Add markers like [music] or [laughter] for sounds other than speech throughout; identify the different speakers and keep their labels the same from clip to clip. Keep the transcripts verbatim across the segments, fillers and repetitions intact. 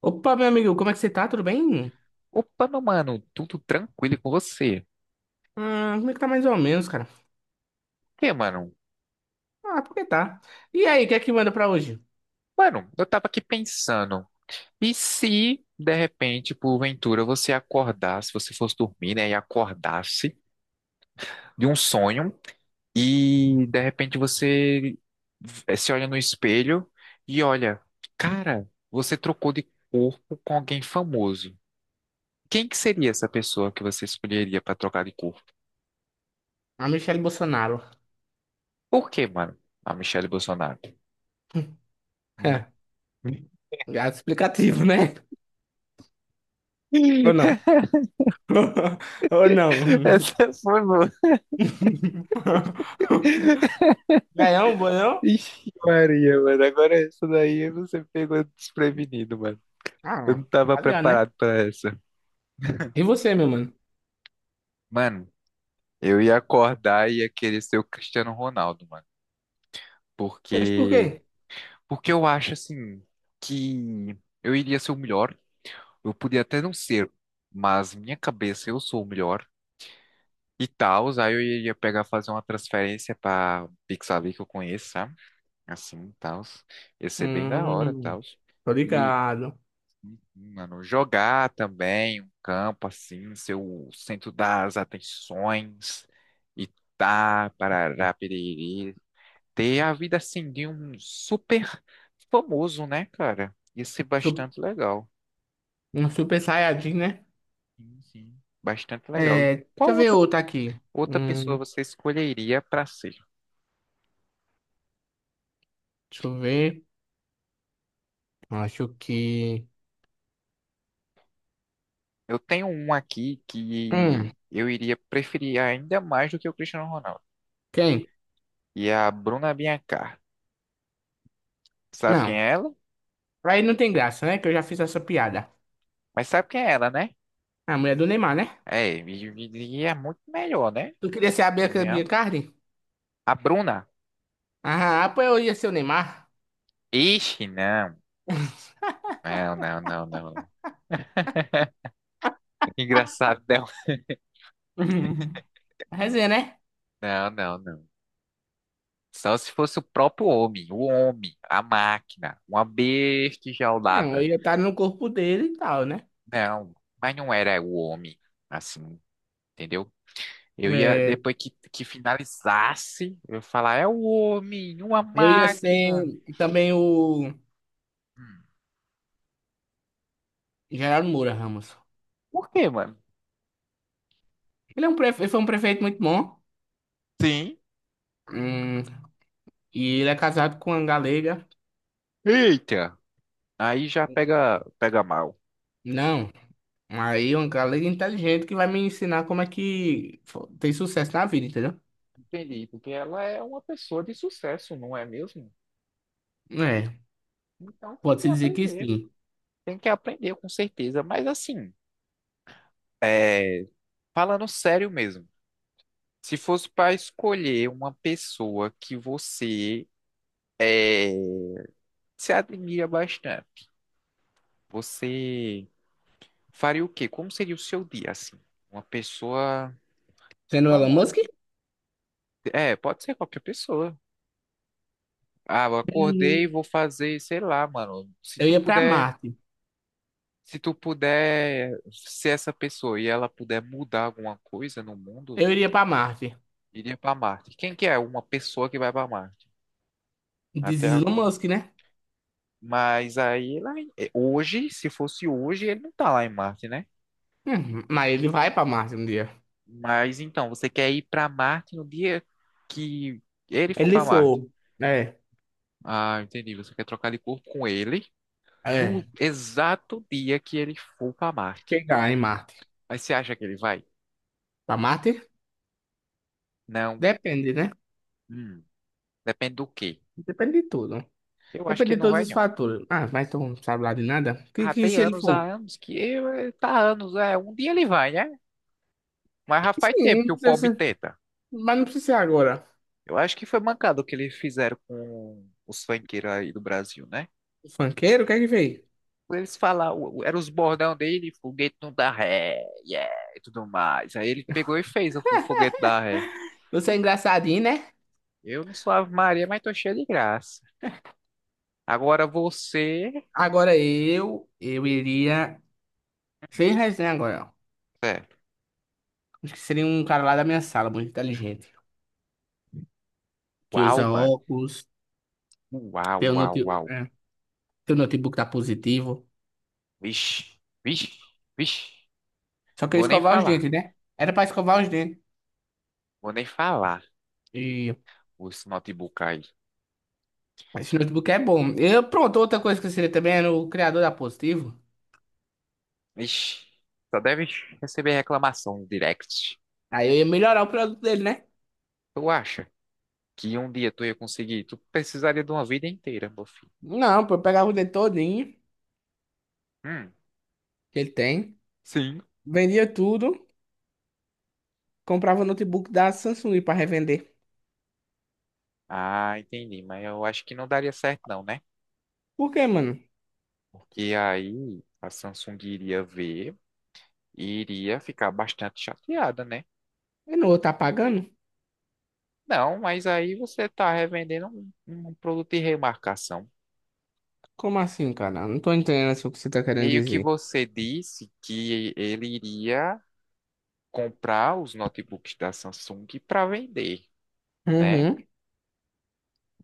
Speaker 1: Opa, meu amigo, como é que você tá? Tudo bem?
Speaker 2: Opa, meu mano, tudo tranquilo e com você?
Speaker 1: Hum, como é que tá mais ou menos, cara?
Speaker 2: Que, mano?
Speaker 1: Ah, porque tá. E aí, o que é que manda pra hoje?
Speaker 2: Mano, eu tava aqui pensando, e se de repente, porventura, você acordasse, você fosse dormir, né, e acordasse de um sonho e de repente você eh, se olha no espelho e olha, cara, você trocou de corpo com alguém famoso. Quem que seria essa pessoa que você escolheria pra trocar de corpo?
Speaker 1: A Michelle Bolsonaro.
Speaker 2: Por quê, mano? A Michelle Bolsonaro.
Speaker 1: [laughs] É,
Speaker 2: [laughs]
Speaker 1: gato explicativo, né? Ou não? [laughs] Ou não?
Speaker 2: Essa foi.
Speaker 1: [laughs] Ganhou, ganhou?
Speaker 2: Ixi, Maria, mano. Agora essa daí você pegou desprevenido, mano. Eu
Speaker 1: Ah,
Speaker 2: não tava
Speaker 1: tá ligado, né?
Speaker 2: preparado pra essa.
Speaker 1: E você, meu mano?
Speaker 2: Mano, eu ia acordar e ia querer ser o Cristiano Ronaldo, mano.
Speaker 1: Mas por
Speaker 2: Porque.
Speaker 1: quê?
Speaker 2: Porque eu acho, assim, que eu iria ser o melhor. Eu podia até não ser, mas minha cabeça eu sou o melhor. E tal, aí eu iria pegar, fazer uma transferência pra Pixabay que eu conheço, sabe? Assim, tal. Ia ser bem da hora,
Speaker 1: Hum,
Speaker 2: tal.
Speaker 1: tô ligado.
Speaker 2: Mano, jogar também, um campo assim, ser o centro das atenções, e tá, parará, piriri, ter a vida assim de um super famoso, né, cara? Ia ser
Speaker 1: Su-
Speaker 2: bastante legal.
Speaker 1: Um super saiyajin, né?
Speaker 2: Sim, sim, bastante legal. E
Speaker 1: É, deixa
Speaker 2: qual
Speaker 1: eu ver
Speaker 2: outra,
Speaker 1: outro aqui.
Speaker 2: outra pessoa
Speaker 1: Hum,
Speaker 2: você escolheria para ser?
Speaker 1: deixa eu ver. Acho que.
Speaker 2: Eu tenho um aqui que
Speaker 1: hum,
Speaker 2: eu iria preferir ainda mais do que o Cristiano Ronaldo,
Speaker 1: Quem?
Speaker 2: e é a Bruna Biancar. Sabe quem
Speaker 1: Não.
Speaker 2: é ela?
Speaker 1: Aí não tem graça, né? Que eu já fiz essa piada.
Speaker 2: Mas sabe quem é ela, né?
Speaker 1: A mulher do Neymar, né?
Speaker 2: É, e, e- e é muito melhor, né?
Speaker 1: Tu queria ser a Bianca
Speaker 2: Convenhamos.
Speaker 1: Biancardi?
Speaker 2: A Bruna.
Speaker 1: Ah, pô, eu ia ser o Neymar.
Speaker 2: Ixi, não. Não, não, não, não. [laughs] Engraçado, não.
Speaker 1: [laughs] Resenha, né?
Speaker 2: Não, não, não. Só se fosse o próprio homem, o homem, a máquina, uma besta
Speaker 1: Não, eu
Speaker 2: enjaulada.
Speaker 1: ia estar no corpo dele e tal, né?
Speaker 2: Não, mas não era o homem, assim, entendeu? Eu ia,
Speaker 1: É,
Speaker 2: depois que, que finalizasse, eu ia falar, é o homem, uma
Speaker 1: eu ia
Speaker 2: máquina.
Speaker 1: ser também o
Speaker 2: Hum.
Speaker 1: Geraldo Moura Ramos.
Speaker 2: Por quê, mano?
Speaker 1: Ele, é um prefe... ele foi um prefeito muito bom.
Speaker 2: Sim.
Speaker 1: Hum, e ele é casado com uma galega.
Speaker 2: Eita! Aí já pega, pega mal.
Speaker 1: Não, aí uma galega inteligente que vai me ensinar como é que fo- tem sucesso na vida, entendeu?
Speaker 2: Entendi, porque ela é uma pessoa de sucesso, não é mesmo?
Speaker 1: É,
Speaker 2: Então tem que
Speaker 1: pode-se dizer que
Speaker 2: aprender,
Speaker 1: sim.
Speaker 2: tem que aprender com certeza. Mas assim, é, falando sério mesmo, se fosse para escolher uma pessoa que você, é, se admira bastante, você faria o quê? Como seria o seu dia assim? Uma pessoa
Speaker 1: Sendo Elon Musk?
Speaker 2: famosa? É, pode ser qualquer pessoa. Ah, eu acordei e
Speaker 1: Uhum.
Speaker 2: vou fazer, sei lá, mano. Se
Speaker 1: Eu
Speaker 2: tu
Speaker 1: ia pra
Speaker 2: puder,
Speaker 1: Marte.
Speaker 2: se tu puder ser essa pessoa e ela puder mudar alguma coisa no mundo,
Speaker 1: Eu iria pra Marte.
Speaker 2: iria pra Marte. Quem que é uma pessoa que vai pra Marte?
Speaker 1: Diz
Speaker 2: Até
Speaker 1: Elon
Speaker 2: agora.
Speaker 1: Musk, né?
Speaker 2: Mas aí, lá em- eh, hoje, se fosse hoje, ele não tá lá em Marte, né?
Speaker 1: Hum, mas ele vai pra Marte um dia.
Speaker 2: Mas então, você quer ir pra Marte no dia que ele for
Speaker 1: Ele
Speaker 2: pra Marte.
Speaker 1: for. É,
Speaker 2: Ah, entendi. Você quer trocar de corpo com ele no
Speaker 1: é.
Speaker 2: exato dia que ele for pra Marte.
Speaker 1: Chegar em Marte.
Speaker 2: Mas você acha que ele vai?
Speaker 1: Pra Marte?
Speaker 2: Não.
Speaker 1: Depende, né?
Speaker 2: Hum, depende do quê?
Speaker 1: Depende de tudo.
Speaker 2: Eu acho que
Speaker 1: Depende
Speaker 2: ele
Speaker 1: de
Speaker 2: não
Speaker 1: todos
Speaker 2: vai,
Speaker 1: os
Speaker 2: não.
Speaker 1: fatores. Ah, mas tu não sabe lá de nada? Que,
Speaker 2: Ah,
Speaker 1: que
Speaker 2: tem
Speaker 1: se ele
Speaker 2: anos,
Speaker 1: for?
Speaker 2: há anos que eh, tá há anos, é, um dia ele vai, né? Mas já faz
Speaker 1: Sim,
Speaker 2: tempo que
Speaker 1: não
Speaker 2: o
Speaker 1: precisa
Speaker 2: pobre
Speaker 1: ser-
Speaker 2: tenta.
Speaker 1: mas não precisa ser agora.
Speaker 2: Eu acho que foi mancado o que eles fizeram com os funkeiros aí do Brasil, né?
Speaker 1: O funkeiro, o que é que veio?
Speaker 2: Eles falavam, era os bordão dele, foguete não dá ré, yeah, e tudo mais. Aí ele pegou e fez o foguete da ré.
Speaker 1: Você é engraçadinho, né?
Speaker 2: Eu não sou Ave Maria, mas tô cheio de graça. Agora você.
Speaker 1: Agora eu, eu iria... Sem resenha agora,
Speaker 2: É.
Speaker 1: acho que seria um cara lá da minha sala, muito inteligente. Que
Speaker 2: Uau,
Speaker 1: usa
Speaker 2: mano.
Speaker 1: óculos,
Speaker 2: Uau,
Speaker 1: teu,
Speaker 2: uau,
Speaker 1: note...
Speaker 2: uau.
Speaker 1: é, teu notebook tá positivo.
Speaker 2: Vixe, vixe, vixe.
Speaker 1: Só que eu ia
Speaker 2: Vou nem
Speaker 1: escovar os
Speaker 2: falar,
Speaker 1: dentes, né? Era pra escovar os dentes.
Speaker 2: vou nem falar.
Speaker 1: E
Speaker 2: Os notebook aí.
Speaker 1: esse notebook é bom. Eu, pronto, outra coisa que eu seria também era o criador da Positivo.
Speaker 2: Ixi, só deve receber reclamação no direct.
Speaker 1: Aí eu ia melhorar o produto dele, né?
Speaker 2: Tu acha que um dia tu ia conseguir? Tu precisaria de uma vida inteira, meu filho.
Speaker 1: Não, pô, eu pegava o dente todinho
Speaker 2: Hum,
Speaker 1: que ele tem,
Speaker 2: sim.
Speaker 1: vendia tudo, comprava o notebook da Samsung pra revender.
Speaker 2: Ah, entendi. Mas eu acho que não daria certo, não, né?
Speaker 1: Por quê, mano?
Speaker 2: Porque aí a Samsung iria ver e iria ficar bastante chateada, né?
Speaker 1: Eu não vou tá pagando?
Speaker 2: Não, mas aí você tá revendendo um, um produto de remarcação.
Speaker 1: Como assim, cara? Não tô entendendo assim, o que você tá querendo
Speaker 2: Meio que
Speaker 1: dizer.
Speaker 2: você disse que ele iria comprar os notebooks da Samsung para vender, né?
Speaker 1: Uhum,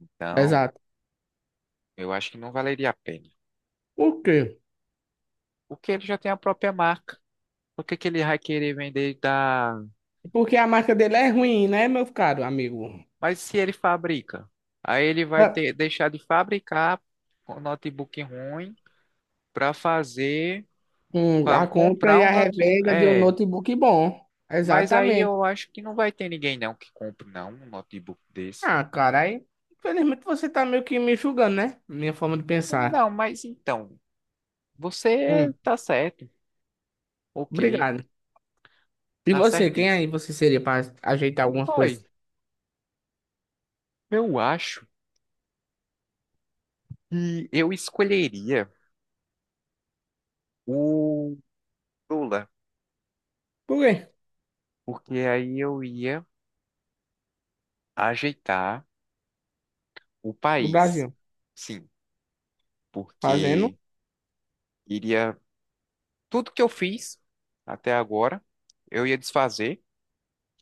Speaker 2: Então,
Speaker 1: exato.
Speaker 2: eu acho que não valeria a pena.
Speaker 1: Por quê?
Speaker 2: Porque ele já tem a própria marca. Por que que ele vai querer vender da...
Speaker 1: Porque a marca dele é ruim, né, meu caro amigo?
Speaker 2: Mas se ele fabrica, aí ele vai
Speaker 1: Ah,
Speaker 2: ter deixar de fabricar um notebook ruim para fazer,
Speaker 1: hum,
Speaker 2: para
Speaker 1: A compra
Speaker 2: comprar
Speaker 1: e
Speaker 2: um
Speaker 1: a
Speaker 2: notebook.
Speaker 1: revenda de um
Speaker 2: É,
Speaker 1: notebook bom.
Speaker 2: mas aí
Speaker 1: Exatamente.
Speaker 2: eu acho que não vai ter ninguém não que compre não um notebook desse.
Speaker 1: Ah, cara, aí, infelizmente você tá meio que me julgando, né? Minha forma de pensar.
Speaker 2: Não, mas então, você
Speaker 1: Hum,
Speaker 2: tá certo. Ok,
Speaker 1: Obrigado. E
Speaker 2: tá
Speaker 1: você, quem aí
Speaker 2: certíssimo.
Speaker 1: você seria para ajeitar alguma
Speaker 2: Foi.
Speaker 1: coisa?
Speaker 2: Eu acho que eu escolheria o Lula,
Speaker 1: Por quê?
Speaker 2: porque aí eu ia ajeitar o
Speaker 1: O
Speaker 2: país.
Speaker 1: Brasil.
Speaker 2: Sim,
Speaker 1: Fazendo?
Speaker 2: porque iria tudo que eu fiz até agora, eu ia desfazer,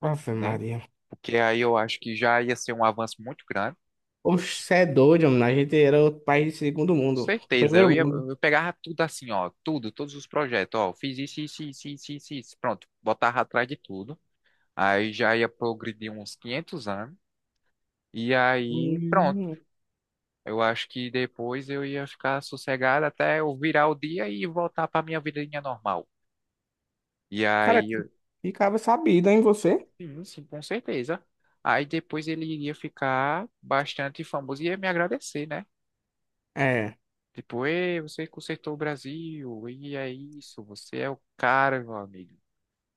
Speaker 1: Ave
Speaker 2: né?
Speaker 1: Maria.
Speaker 2: Porque aí eu acho que já ia ser um avanço muito grande.
Speaker 1: Oxe, cê é doido, mano. A gente era outro país de segundo
Speaker 2: Com
Speaker 1: mundo.
Speaker 2: certeza, eu
Speaker 1: Primeiro
Speaker 2: ia,
Speaker 1: mundo.
Speaker 2: eu pegava tudo assim, ó, tudo, todos os projetos, ó, fiz isso, isso, isso, isso, isso, isso, pronto, botava atrás de tudo. Aí já ia progredir uns quinhentos anos. E aí, pronto.
Speaker 1: Hum,
Speaker 2: Eu acho que depois eu ia ficar sossegado até eu virar o dia e voltar para minha vidinha normal. E
Speaker 1: cara,
Speaker 2: aí,
Speaker 1: que
Speaker 2: eu-
Speaker 1: que cara sabido, hein, você?
Speaker 2: sim, sim, com certeza. Aí depois ele iria ficar bastante famoso e ia me agradecer, né?
Speaker 1: É.
Speaker 2: Tipo, ei, você consertou o Brasil, e é isso, você é o cara, meu amigo.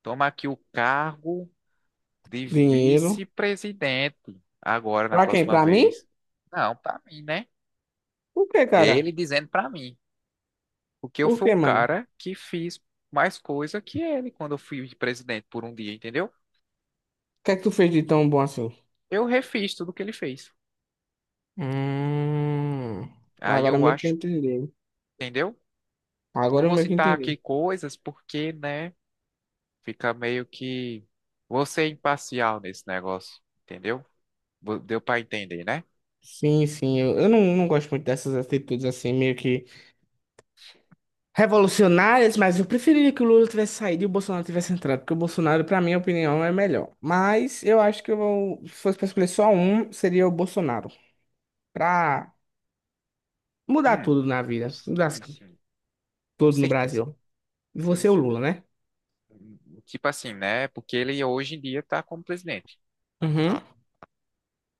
Speaker 2: Toma aqui o cargo de
Speaker 1: Dinheiro.
Speaker 2: vice-presidente agora na
Speaker 1: Pra quem?
Speaker 2: próxima
Speaker 1: Pra mim?
Speaker 2: vez. Não, pra mim, né?
Speaker 1: Por que, cara?
Speaker 2: Ele dizendo pra mim. Porque eu
Speaker 1: Por
Speaker 2: fui
Speaker 1: que,
Speaker 2: o
Speaker 1: mano? O
Speaker 2: cara que fiz mais coisa que ele quando eu fui presidente por um dia, entendeu?
Speaker 1: que é que tu fez de tão bom assim?
Speaker 2: Eu refiz tudo que ele fez.
Speaker 1: Hum,
Speaker 2: Aí
Speaker 1: agora eu
Speaker 2: eu
Speaker 1: meio que
Speaker 2: acho,
Speaker 1: entendi.
Speaker 2: entendeu? Não
Speaker 1: Agora eu
Speaker 2: vou
Speaker 1: meio que
Speaker 2: citar
Speaker 1: entendi.
Speaker 2: aqui coisas porque, né, fica meio que você é imparcial nesse negócio, entendeu? Vo- Deu pra entender, né?
Speaker 1: Sim, sim, eu, eu não, não gosto muito dessas atitudes assim, meio que revolucionárias, mas eu preferiria que o Lula tivesse saído e o Bolsonaro tivesse entrado, porque o Bolsonaro, pra minha opinião, é melhor. Mas eu acho que eu, vou- se fosse pra escolher só um, seria o Bolsonaro, pra mudar
Speaker 2: Hum,
Speaker 1: tudo na vida, mudar
Speaker 2: sim, sim, com
Speaker 1: tudo no
Speaker 2: certeza.
Speaker 1: Brasil. E
Speaker 2: Sim,
Speaker 1: você, é o
Speaker 2: sim.
Speaker 1: Lula, né?
Speaker 2: Hum, tipo assim, né? Porque ele hoje em dia tá como presidente.
Speaker 1: Uhum.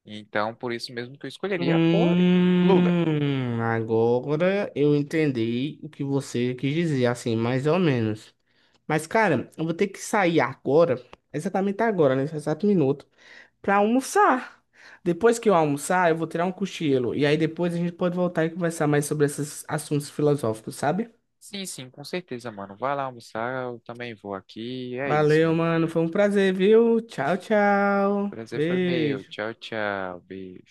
Speaker 2: Então, por isso mesmo que eu escolheria o Lula.
Speaker 1: Hum, agora eu entendi o que você quis dizer, assim, mais ou menos. Mas, cara, eu vou ter que sair agora, exatamente agora, nesse exato minuto, pra almoçar. Depois que eu almoçar, eu vou tirar um cochilo. E aí depois a gente pode voltar e conversar mais sobre esses assuntos filosóficos, sabe?
Speaker 2: Sim, sim, com certeza, mano. Vai lá almoçar, eu também vou aqui. É isso,
Speaker 1: Valeu,
Speaker 2: mano.
Speaker 1: mano. Foi um prazer, viu?
Speaker 2: O
Speaker 1: Tchau, tchau.
Speaker 2: prazer foi meu.
Speaker 1: Beijo.
Speaker 2: Tchau, tchau. Beijo.